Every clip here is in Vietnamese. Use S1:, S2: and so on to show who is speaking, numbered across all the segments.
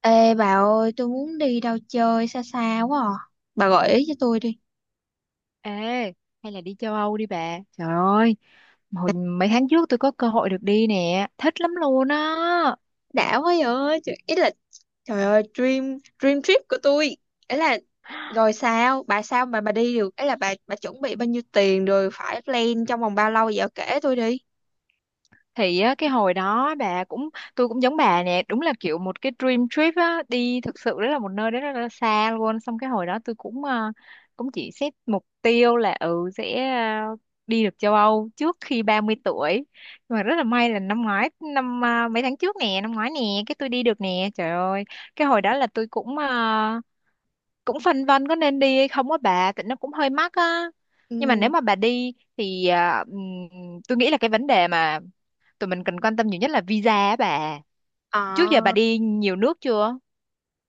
S1: Ê bà ơi, tôi muốn đi đâu chơi xa xa quá à. Bà gợi ý cho tôi đi.
S2: Ê, hay là đi châu Âu đi bà. Trời ơi, hồi mấy tháng trước tôi có cơ hội được đi nè, thích lắm luôn á.
S1: Đã quá vậy, trời, ý là trời ơi dream dream trip của tôi. Ấy là rồi sao, bà sao mà bà đi được? Ấy là bà chuẩn bị bao nhiêu tiền rồi phải plan trong vòng bao lâu vậy kể tôi đi.
S2: Thì á, cái hồi đó bà cũng tôi cũng giống bà nè, đúng là kiểu một cái dream trip á, đi thực sự đó là một nơi đó rất là xa luôn. Xong cái hồi đó tôi cũng cũng chỉ xét mục tiêu là sẽ đi được châu Âu trước khi 30 tuổi. Nhưng mà rất là may là năm ngoái năm ờ, mấy tháng trước nè, năm ngoái nè, cái tôi đi được nè. Trời ơi, cái hồi đó là tôi cũng cũng phân vân có nên đi hay không á bà, tại nó cũng hơi mắc á, nhưng mà
S1: Ừ.
S2: nếu mà bà đi thì tôi nghĩ là cái vấn đề mà tụi mình cần quan tâm nhiều nhất là visa á bà. Trước giờ bà
S1: À,
S2: đi nhiều nước chưa?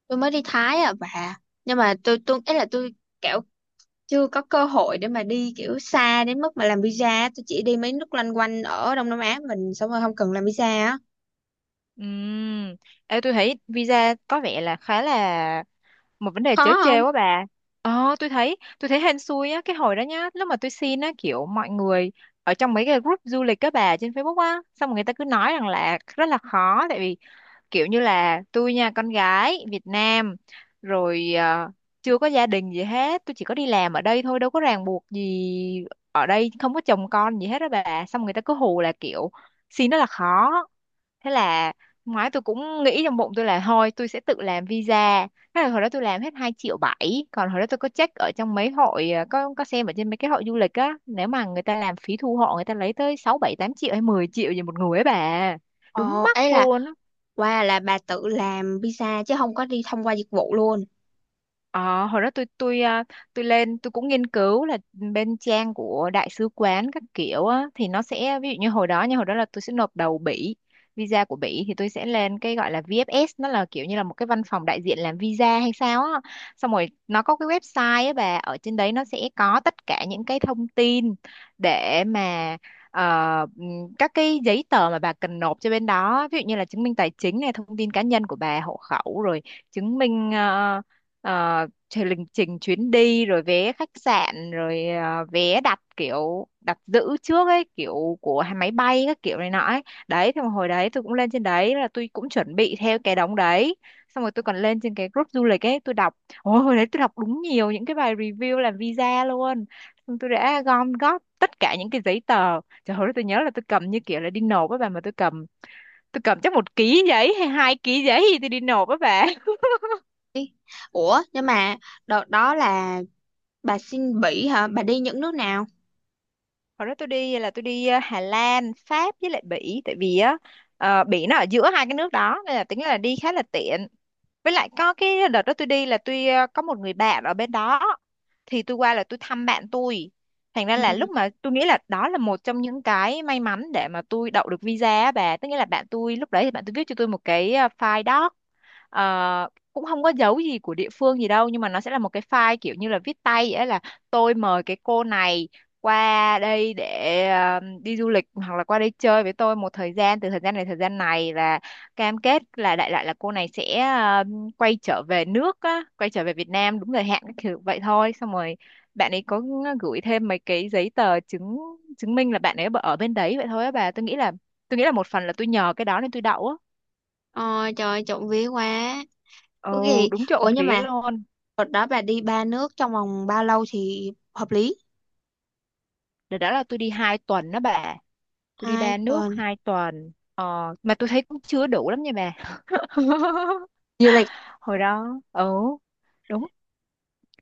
S1: tôi mới đi Thái à bà. Nhưng mà tôi ấy là tôi kiểu chưa có cơ hội để mà đi kiểu xa đến mức mà làm visa, tôi chỉ đi mấy nước loanh quanh ở Đông Nam Á mình xong rồi không cần làm visa á.
S2: Ừm. Ê, tôi thấy visa có vẻ là khá là một vấn đề trớ
S1: Khó.
S2: trêu á bà. Tôi thấy hên xui á, cái hồi đó nhá, lúc mà tôi xin á kiểu mọi người ở trong mấy cái group du lịch các bà trên Facebook á, xong rồi người ta cứ nói rằng là rất là khó, tại vì kiểu như là tôi nha, con gái Việt Nam rồi, chưa có gia đình gì hết, tôi chỉ có đi làm ở đây thôi, đâu có ràng buộc gì, ở đây không có chồng con gì hết đó bà. Xong người ta cứ hù là kiểu xin rất là khó. Thế là năm ngoái tôi cũng nghĩ trong bụng tôi là thôi tôi sẽ tự làm visa. Thế là hồi đó tôi làm hết 2,7 triệu, còn hồi đó tôi có check ở trong mấy hội có xem ở trên mấy cái hội du lịch á, nếu mà người ta làm phí thu hộ, người ta lấy tới sáu bảy tám triệu hay 10 triệu gì một người ấy bà. Đúng
S1: Ồ,
S2: mắc
S1: ấy là
S2: luôn.
S1: qua là bà tự làm pizza chứ không có đi thông qua dịch vụ luôn.
S2: Ờ, Hồi đó tôi lên, tôi cũng nghiên cứu là bên trang của đại sứ quán các kiểu á, thì nó sẽ ví dụ như hồi đó, là tôi sẽ nộp đầu Bỉ. Visa của Bỉ thì tôi sẽ lên cái gọi là VFS, nó là kiểu như là một cái văn phòng đại diện làm visa hay sao á. Xong rồi nó có cái website á bà, ở trên đấy nó sẽ có tất cả những cái thông tin để mà ờ, các cái giấy tờ mà bà cần nộp cho bên đó, ví dụ như là chứng minh tài chính này, thông tin cá nhân của bà, hộ khẩu, rồi chứng minh ờ, ờ, trình lịch trình chuyến đi, rồi vé khách sạn, rồi vé đặt kiểu đặt giữ trước ấy, kiểu của hai máy bay các kiểu này nọ ấy. Đấy, thì hồi đấy tôi cũng lên trên đấy, là tôi cũng chuẩn bị theo cái đống đấy, xong rồi tôi còn lên trên cái group du lịch ấy tôi đọc. Ôi, hồi đấy tôi đọc đúng nhiều những cái bài review làm visa luôn. Xong tôi đã gom góp tất cả những cái giấy tờ, trời ơi tôi nhớ là tôi cầm như kiểu là đi nộp á bà, mà tôi cầm chắc 1 ký giấy hay 2 ký giấy thì tôi đi nộp á bà.
S1: Ủa, nhưng mà đợt đó là bà xin Bỉ hả? Bà đi những nước nào?
S2: Hồi đó tôi đi là tôi đi Hà Lan, Pháp với lại Bỉ, tại vì á Bỉ nó ở giữa hai cái nước đó, nên là tính là đi khá là tiện. Với lại có cái đợt đó tôi đi là tôi có một người bạn ở bên đó, thì tôi qua là tôi thăm bạn tôi. Thành ra là
S1: Ừ.
S2: lúc mà tôi nghĩ là đó là một trong những cái may mắn để mà tôi đậu được visa á bà, tức nghĩa là bạn tôi, lúc đấy thì bạn tôi viết cho tôi một cái file doc, cũng không có dấu gì của địa phương gì đâu, nhưng mà nó sẽ là một cái file kiểu như là viết tay vậy á, là tôi mời cái cô này qua đây để đi du lịch, hoặc là qua đây chơi với tôi một thời gian, từ thời gian này thời gian này, là cam kết là đại loại là cô này sẽ quay trở về nước á, quay trở về Việt Nam đúng thời hạn các kiểu vậy thôi. Xong rồi bạn ấy có gửi thêm mấy cái giấy tờ chứng chứng minh là bạn ấy ở bên đấy vậy thôi á bà. Tôi nghĩ là, một phần là tôi nhờ cái đó nên tôi đậu á.
S1: Ôi trời ơi, trộm vía quá. Có
S2: Ồ
S1: gì?
S2: đúng trộm
S1: Ủa nhưng
S2: vía
S1: mà
S2: luôn.
S1: đợt đó bà đi ba nước trong vòng bao lâu thì hợp lý?
S2: Đợt đó là tôi đi 2 tuần đó bà. Tôi đi
S1: Hai
S2: ba nước
S1: tuần.
S2: 2 tuần. Ờ, mà tôi thấy cũng chưa đủ lắm nha bà.
S1: Du lịch.
S2: Hồi đó, ừ, đúng.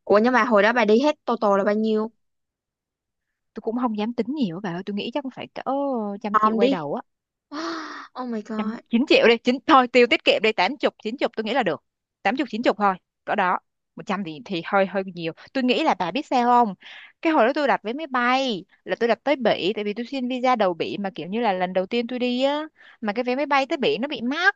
S1: Ủa nhưng mà hồi đó bà đi hết total là bao nhiêu?
S2: Tôi cũng không dám tính nhiều á bà ơi. Tôi nghĩ chắc cũng phải cỡ trăm triệu
S1: Om
S2: quay
S1: đi.
S2: đầu á.
S1: Oh my
S2: Trăm,
S1: god.
S2: chín triệu đi. Chín, thôi, tiêu tiết kiệm đi. Tám chục, chín chục tôi nghĩ là được. Tám chục, chín chục thôi. Cỡ đó. Một trăm thì, hơi hơi nhiều. Tôi nghĩ là bà biết sao không? Cái hồi đó tôi đặt vé máy bay là tôi đặt tới Bỉ. Tại vì tôi xin visa đầu Bỉ, mà kiểu như là lần đầu tiên tôi đi á. Mà cái vé máy bay tới Bỉ nó bị mắc,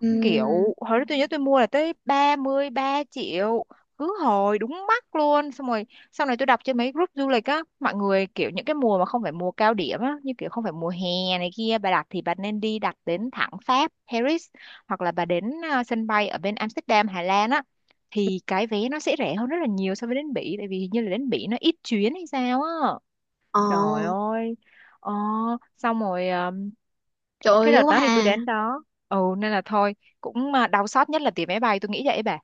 S1: Ừm.
S2: kiểu hồi đó tôi nhớ tôi mua là tới 33 triệu, cứ hồi đúng mắc luôn. Xong rồi sau này tôi đọc trên mấy group du lịch á, mọi người kiểu những cái mùa mà không phải mùa cao điểm á, như kiểu không phải mùa hè này kia, bà đặt thì bà nên đi đặt đến thẳng Pháp, Paris, hoặc là bà đến sân bay ở bên Amsterdam Hà Lan á, thì cái vé nó sẽ rẻ hơn rất là nhiều so với đến Bỉ, tại vì hình như là đến Bỉ nó ít chuyến hay sao á.
S1: Ồ,
S2: Trời ơi. ờ, Xong rồi
S1: trời
S2: cái
S1: ơi,
S2: đợt
S1: quá
S2: đó thì tôi
S1: ha.
S2: đến đó, nên là thôi cũng, đau xót nhất là tiền máy bay tôi nghĩ vậy bà.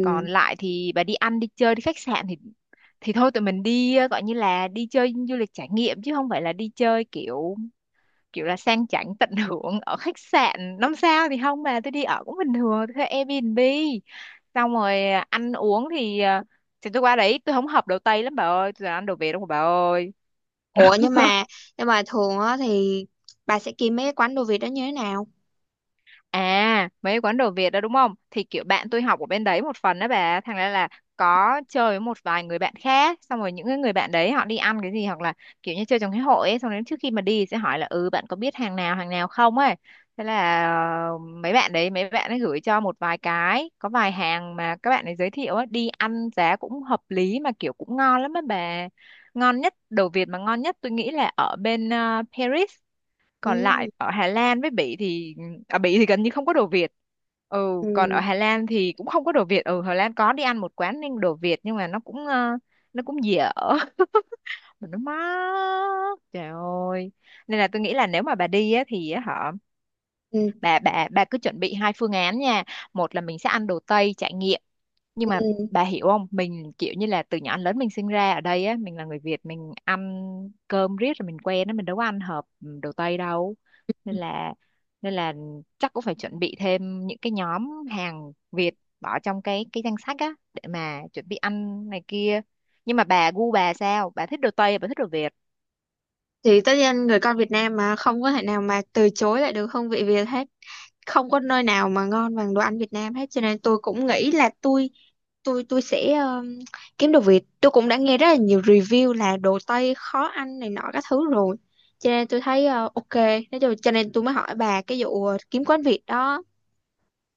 S2: Còn lại thì bà đi ăn đi chơi đi khách sạn thì, thôi tụi mình đi, gọi như là đi chơi du lịch trải nghiệm chứ không phải là đi chơi kiểu, kiểu là sang chảnh tận hưởng ở khách sạn năm sao thì không, mà tôi đi ở cũng bình thường, tôi thuê Airbnb. Xong rồi ăn uống thì thì tôi qua đấy, tôi không hợp đồ Tây lắm bà ơi, tôi toàn ăn đồ Việt không bà ơi.
S1: Ủa nhưng mà thường á thì bà sẽ kiếm mấy cái quán đồ Việt đó như thế nào?
S2: À, mấy quán đồ Việt đó đúng không? Thì kiểu bạn tôi học ở bên đấy một phần đó bà, thành ra là có chơi với một vài người bạn khác, xong rồi những cái người bạn đấy họ đi ăn cái gì, hoặc là kiểu như chơi trong cái hội ấy, xong đến trước khi mà đi sẽ hỏi là bạn có biết hàng nào không ấy. Thế là mấy bạn đấy mấy bạn ấy gửi cho một vài cái, có vài hàng mà các bạn ấy giới thiệu ấy, đi ăn giá cũng hợp lý mà kiểu cũng ngon lắm á bà. Ngon nhất đồ Việt mà ngon nhất tôi nghĩ là ở bên Paris. Còn
S1: Ừ.
S2: lại ở Hà Lan với Bỉ thì ở Bỉ thì gần như không có đồ Việt. Ừ, còn ở
S1: Ừ.
S2: Hà Lan thì cũng không có đồ Việt. Ừ, Hà Lan có đi ăn một quán nên đồ Việt nhưng mà nó cũng dở mà nó mắc trời ơi. Nên là tôi nghĩ là nếu mà bà đi á, thì á, hả,
S1: Ừ.
S2: bà cứ chuẩn bị hai phương án nha. Một là mình sẽ ăn đồ Tây trải nghiệm, nhưng mà
S1: Ừ.
S2: bà hiểu không, mình kiểu như là từ nhỏ đến lớn mình sinh ra ở đây á, mình là người Việt, mình ăn cơm riết rồi mình quen á, mình đâu có ăn hợp ừ, đồ Tây đâu. Nên là nên là chắc cũng phải chuẩn bị thêm những cái nhóm hàng Việt, bỏ trong cái danh sách á để mà chuẩn bị ăn này kia. Nhưng mà bà gu bà sao, bà thích đồ Tây bà thích đồ Việt?
S1: Thì tất nhiên người con Việt Nam mà không có thể nào mà từ chối lại được hương vị Việt hết. Không có nơi nào mà ngon bằng đồ ăn Việt Nam hết cho nên tôi cũng nghĩ là tôi sẽ kiếm đồ Việt. Tôi cũng đã nghe rất là nhiều review là đồ Tây khó ăn này nọ các thứ rồi. Cho nên tôi thấy ok, nói chung cho nên tôi mới hỏi bà cái vụ kiếm quán Việt đó.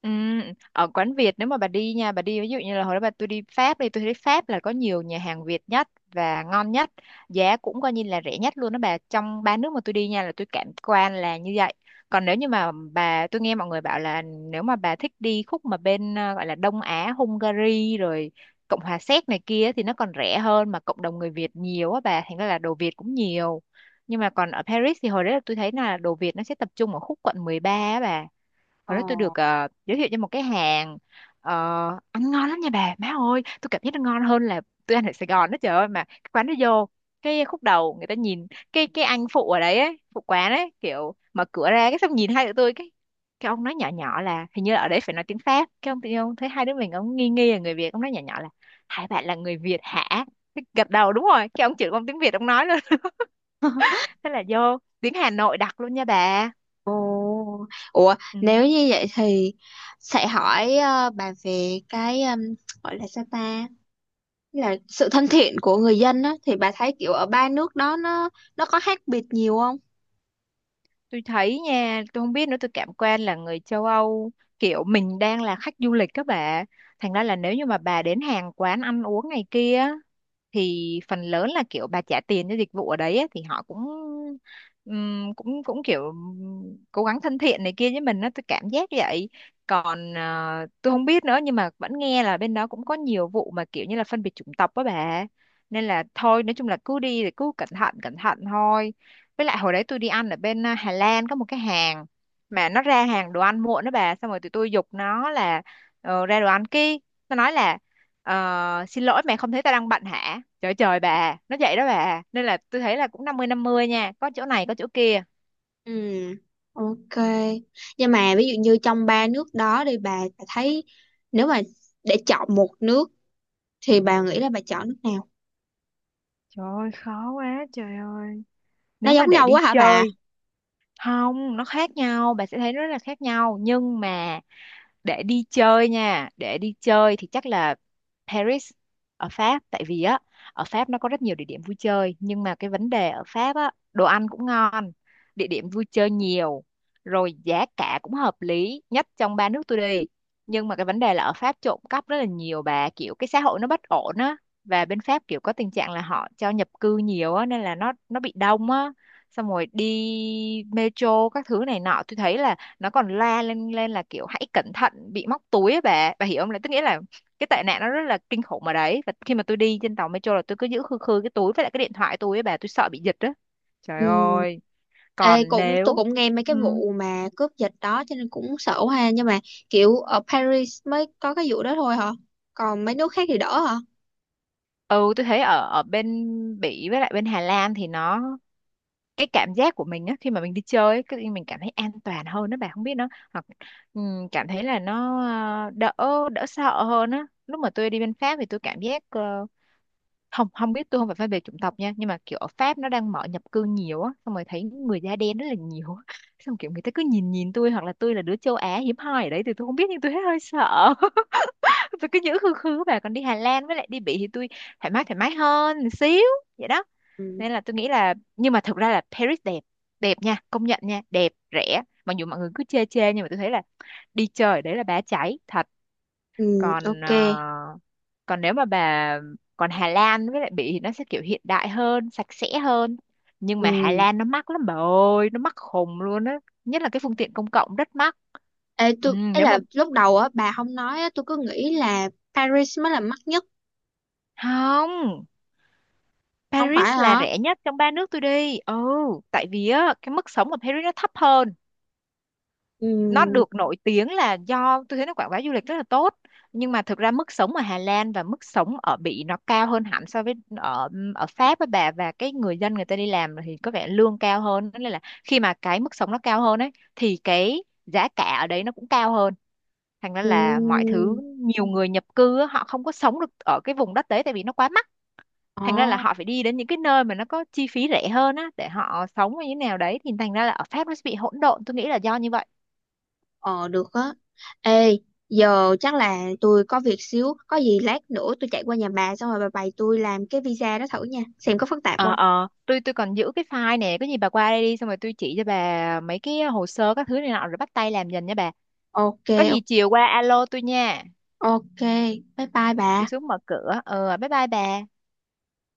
S2: Ừ, ở quán Việt nếu mà bà đi nha, bà đi ví dụ như là hồi đó bà, tôi đi Pháp đi, tôi thấy Pháp là có nhiều nhà hàng Việt nhất và ngon nhất, giá cũng coi như là rẻ nhất luôn đó bà, trong ba nước mà tôi đi nha là tôi cảm quan là như vậy. Còn nếu như mà bà, tôi nghe mọi người bảo là nếu mà bà thích đi khúc mà bên gọi là Đông Á, Hungary rồi Cộng hòa Séc này kia thì nó còn rẻ hơn, mà cộng đồng người Việt nhiều á bà, thành ra là đồ Việt cũng nhiều. Nhưng mà còn ở Paris thì hồi đấy là tôi thấy là đồ Việt nó sẽ tập trung ở khúc quận 13 á bà.
S1: Ờ.
S2: Hồi đó tôi được giới thiệu cho một cái hàng, ờ, ăn ngon lắm nha bà, má ơi tôi cảm giác nó ngon hơn là tôi ăn ở Sài Gòn đó, trời ơi. Mà cái quán nó vô cái khúc đầu người ta nhìn, cái anh phụ ở đấy ấy, phụ quán ấy, kiểu mở cửa ra cái xong nhìn hai tụi tôi cái ông nói nhỏ nhỏ là hình như là ở đấy phải nói tiếng Pháp, cái ông tự nhiên ông thấy hai đứa mình ông nghi nghi là người Việt, ông nói nhỏ nhỏ là hai bạn là người Việt hả, cái gật đầu đúng rồi, cái ông chửi, ông tiếng Việt ông nói luôn. Thế là vô tiếng Hà Nội đặc luôn nha bà.
S1: Ồ, ủa
S2: Ừ.
S1: nếu như vậy thì sẽ hỏi bà về cái gọi là sao ta là sự thân thiện của người dân á thì bà thấy kiểu ở ba nước đó nó có khác biệt nhiều không?
S2: Tôi thấy nha, tôi không biết nữa, tôi cảm quan là người châu Âu kiểu mình đang là khách du lịch các bạn, thành ra là nếu như mà bà đến hàng quán ăn uống này kia thì phần lớn là kiểu bà trả tiền cho dịch vụ ở đấy ấy, thì họ cũng cũng cũng kiểu cố gắng thân thiện này kia với mình á, tôi cảm giác vậy. Còn tôi không biết nữa nhưng mà vẫn nghe là bên đó cũng có nhiều vụ mà kiểu như là phân biệt chủng tộc đó bà. Nên là thôi, nói chung là cứ đi thì cứ cẩn thận thôi. Với lại hồi đấy tôi đi ăn ở bên Hà Lan có một cái hàng mà nó ra hàng đồ ăn muộn đó bà, xong rồi tụi tôi giục nó là ra đồ ăn kia, nó nói là ờ, xin lỗi mẹ không thấy ta đang bận hả? Trời trời bà, nó vậy đó bà. Nên là tôi thấy là cũng năm mươi nha, có chỗ này có chỗ kia.
S1: Ừ, ok. Nhưng mà ví dụ như trong ba nước đó thì bà thấy nếu mà để chọn một nước thì bà nghĩ là bà chọn nước nào?
S2: Trời ơi khó quá trời ơi.
S1: Nó
S2: Nếu mà
S1: giống
S2: để
S1: nhau
S2: đi
S1: quá hả bà?
S2: chơi, không, nó khác nhau, bà sẽ thấy rất là khác nhau. Nhưng mà để đi chơi nha, để đi chơi thì chắc là Paris, ở Pháp, tại vì á ở Pháp nó có rất nhiều địa điểm vui chơi. Nhưng mà cái vấn đề ở Pháp á, đồ ăn cũng ngon, địa điểm vui chơi nhiều, rồi giá cả cũng hợp lý nhất trong ba nước tôi đi. Nhưng mà cái vấn đề là ở Pháp trộm cắp rất là nhiều bà, kiểu cái xã hội nó bất ổn á, và bên Pháp kiểu có tình trạng là họ cho nhập cư nhiều á nên là nó bị đông á. Xong rồi đi metro các thứ này nọ tôi thấy là nó còn la lên lên là kiểu hãy cẩn thận bị móc túi ấy bà hiểu không, là tức nghĩa là cái tệ nạn nó rất là kinh khủng ở đấy. Và khi mà tôi đi trên tàu metro là tôi cứ giữ khư khư cái túi với lại cái điện thoại tôi ấy bà, tôi sợ bị giật đó, trời
S1: Ừ.
S2: ơi.
S1: Ê,
S2: Còn
S1: cũng tôi
S2: nếu
S1: cũng nghe mấy cái
S2: ừm,
S1: vụ mà cướp giật đó cho nên cũng sợ quá ha nhưng mà kiểu ở Paris mới có cái vụ đó thôi hả? Còn mấy nước khác thì đỡ hả?
S2: ừ, tôi thấy ở ở bên Bỉ với lại bên Hà Lan thì nó, cái cảm giác của mình á khi mà mình đi chơi ấy, cái mình cảm thấy an toàn hơn đó bà, không biết nó, hoặc cảm thấy là nó đỡ đỡ sợ hơn á. Lúc mà tôi đi bên Pháp thì tôi cảm giác không, không biết, tôi không phải phân biệt chủng tộc nha, nhưng mà kiểu ở Pháp nó đang mở nhập cư nhiều á, xong rồi thấy người da đen rất là nhiều á, xong kiểu người ta cứ nhìn nhìn tôi, hoặc là tôi là đứa châu Á hiếm hoi ở đấy thì tôi không biết, nhưng tôi thấy hơi sợ. Tôi cứ nhữ khư khư, và còn đi Hà Lan với lại đi Bỉ thì tôi thoải mái, thoải mái hơn một xíu, vậy đó.
S1: Ừ,
S2: Nên là tôi nghĩ là, nhưng mà thực ra là Paris đẹp, đẹp nha, công nhận nha, đẹp rẻ, mặc dù mọi người cứ chê chê nhưng mà tôi thấy là đi chơi ở đấy là bá cháy thật.
S1: ừ,
S2: Còn
S1: ok,
S2: ờ, còn nếu mà bà còn Hà Lan với lại Bỉ thì nó sẽ kiểu hiện đại hơn, sạch sẽ hơn. Nhưng mà Hà
S1: ừ.
S2: Lan nó mắc lắm bà ơi, nó mắc khùng luôn á, nhất là cái phương tiện công cộng rất mắc.
S1: Ê,
S2: Ừ,
S1: tôi ấy
S2: nếu mà,
S1: là lúc đầu á bà không nói á tôi cứ nghĩ là Paris mới là mắc nhất.
S2: không,
S1: Không phải
S2: Paris là
S1: hả?
S2: rẻ nhất trong ba nước tôi đi. Ừ, tại vì á cái mức sống ở Paris nó thấp hơn,
S1: Ừ,
S2: nó được nổi tiếng là do tôi thấy nó quảng bá du lịch rất là tốt. Nhưng mà thực ra mức sống ở Hà Lan và mức sống ở Bỉ nó cao hơn hẳn so với ở ở Pháp với bà, và cái người dân người ta đi làm thì có vẻ lương cao hơn, nên là khi mà cái mức sống nó cao hơn ấy thì cái giá cả ở đấy nó cũng cao hơn, thành ra
S1: ừ,
S2: là mọi thứ, nhiều người nhập cư á, họ không có sống được ở cái vùng đất đấy tại vì nó quá mắc. Thành ra là
S1: ờ.
S2: họ phải đi đến những cái nơi mà nó có chi phí rẻ hơn á để họ sống như thế nào đấy, thì thành ra là ở Pháp nó sẽ bị hỗn độn, tôi nghĩ là do như vậy.
S1: Ờ, được á. Ê, giờ chắc là tôi có việc xíu, có gì lát nữa tôi chạy qua nhà bà xong rồi bà bày tôi làm cái visa đó thử nha xem có phức tạp
S2: ờ
S1: không.
S2: ờ tôi tôi còn giữ cái file nè, có gì bà qua đây đi xong rồi tôi chỉ cho bà mấy cái hồ sơ các thứ này nọ rồi bắt tay làm dần nha bà.
S1: Ok.
S2: Có gì chiều qua alo tôi nha.
S1: Ok, bye bye bà.
S2: Tôi xuống mở cửa, bye bye bà.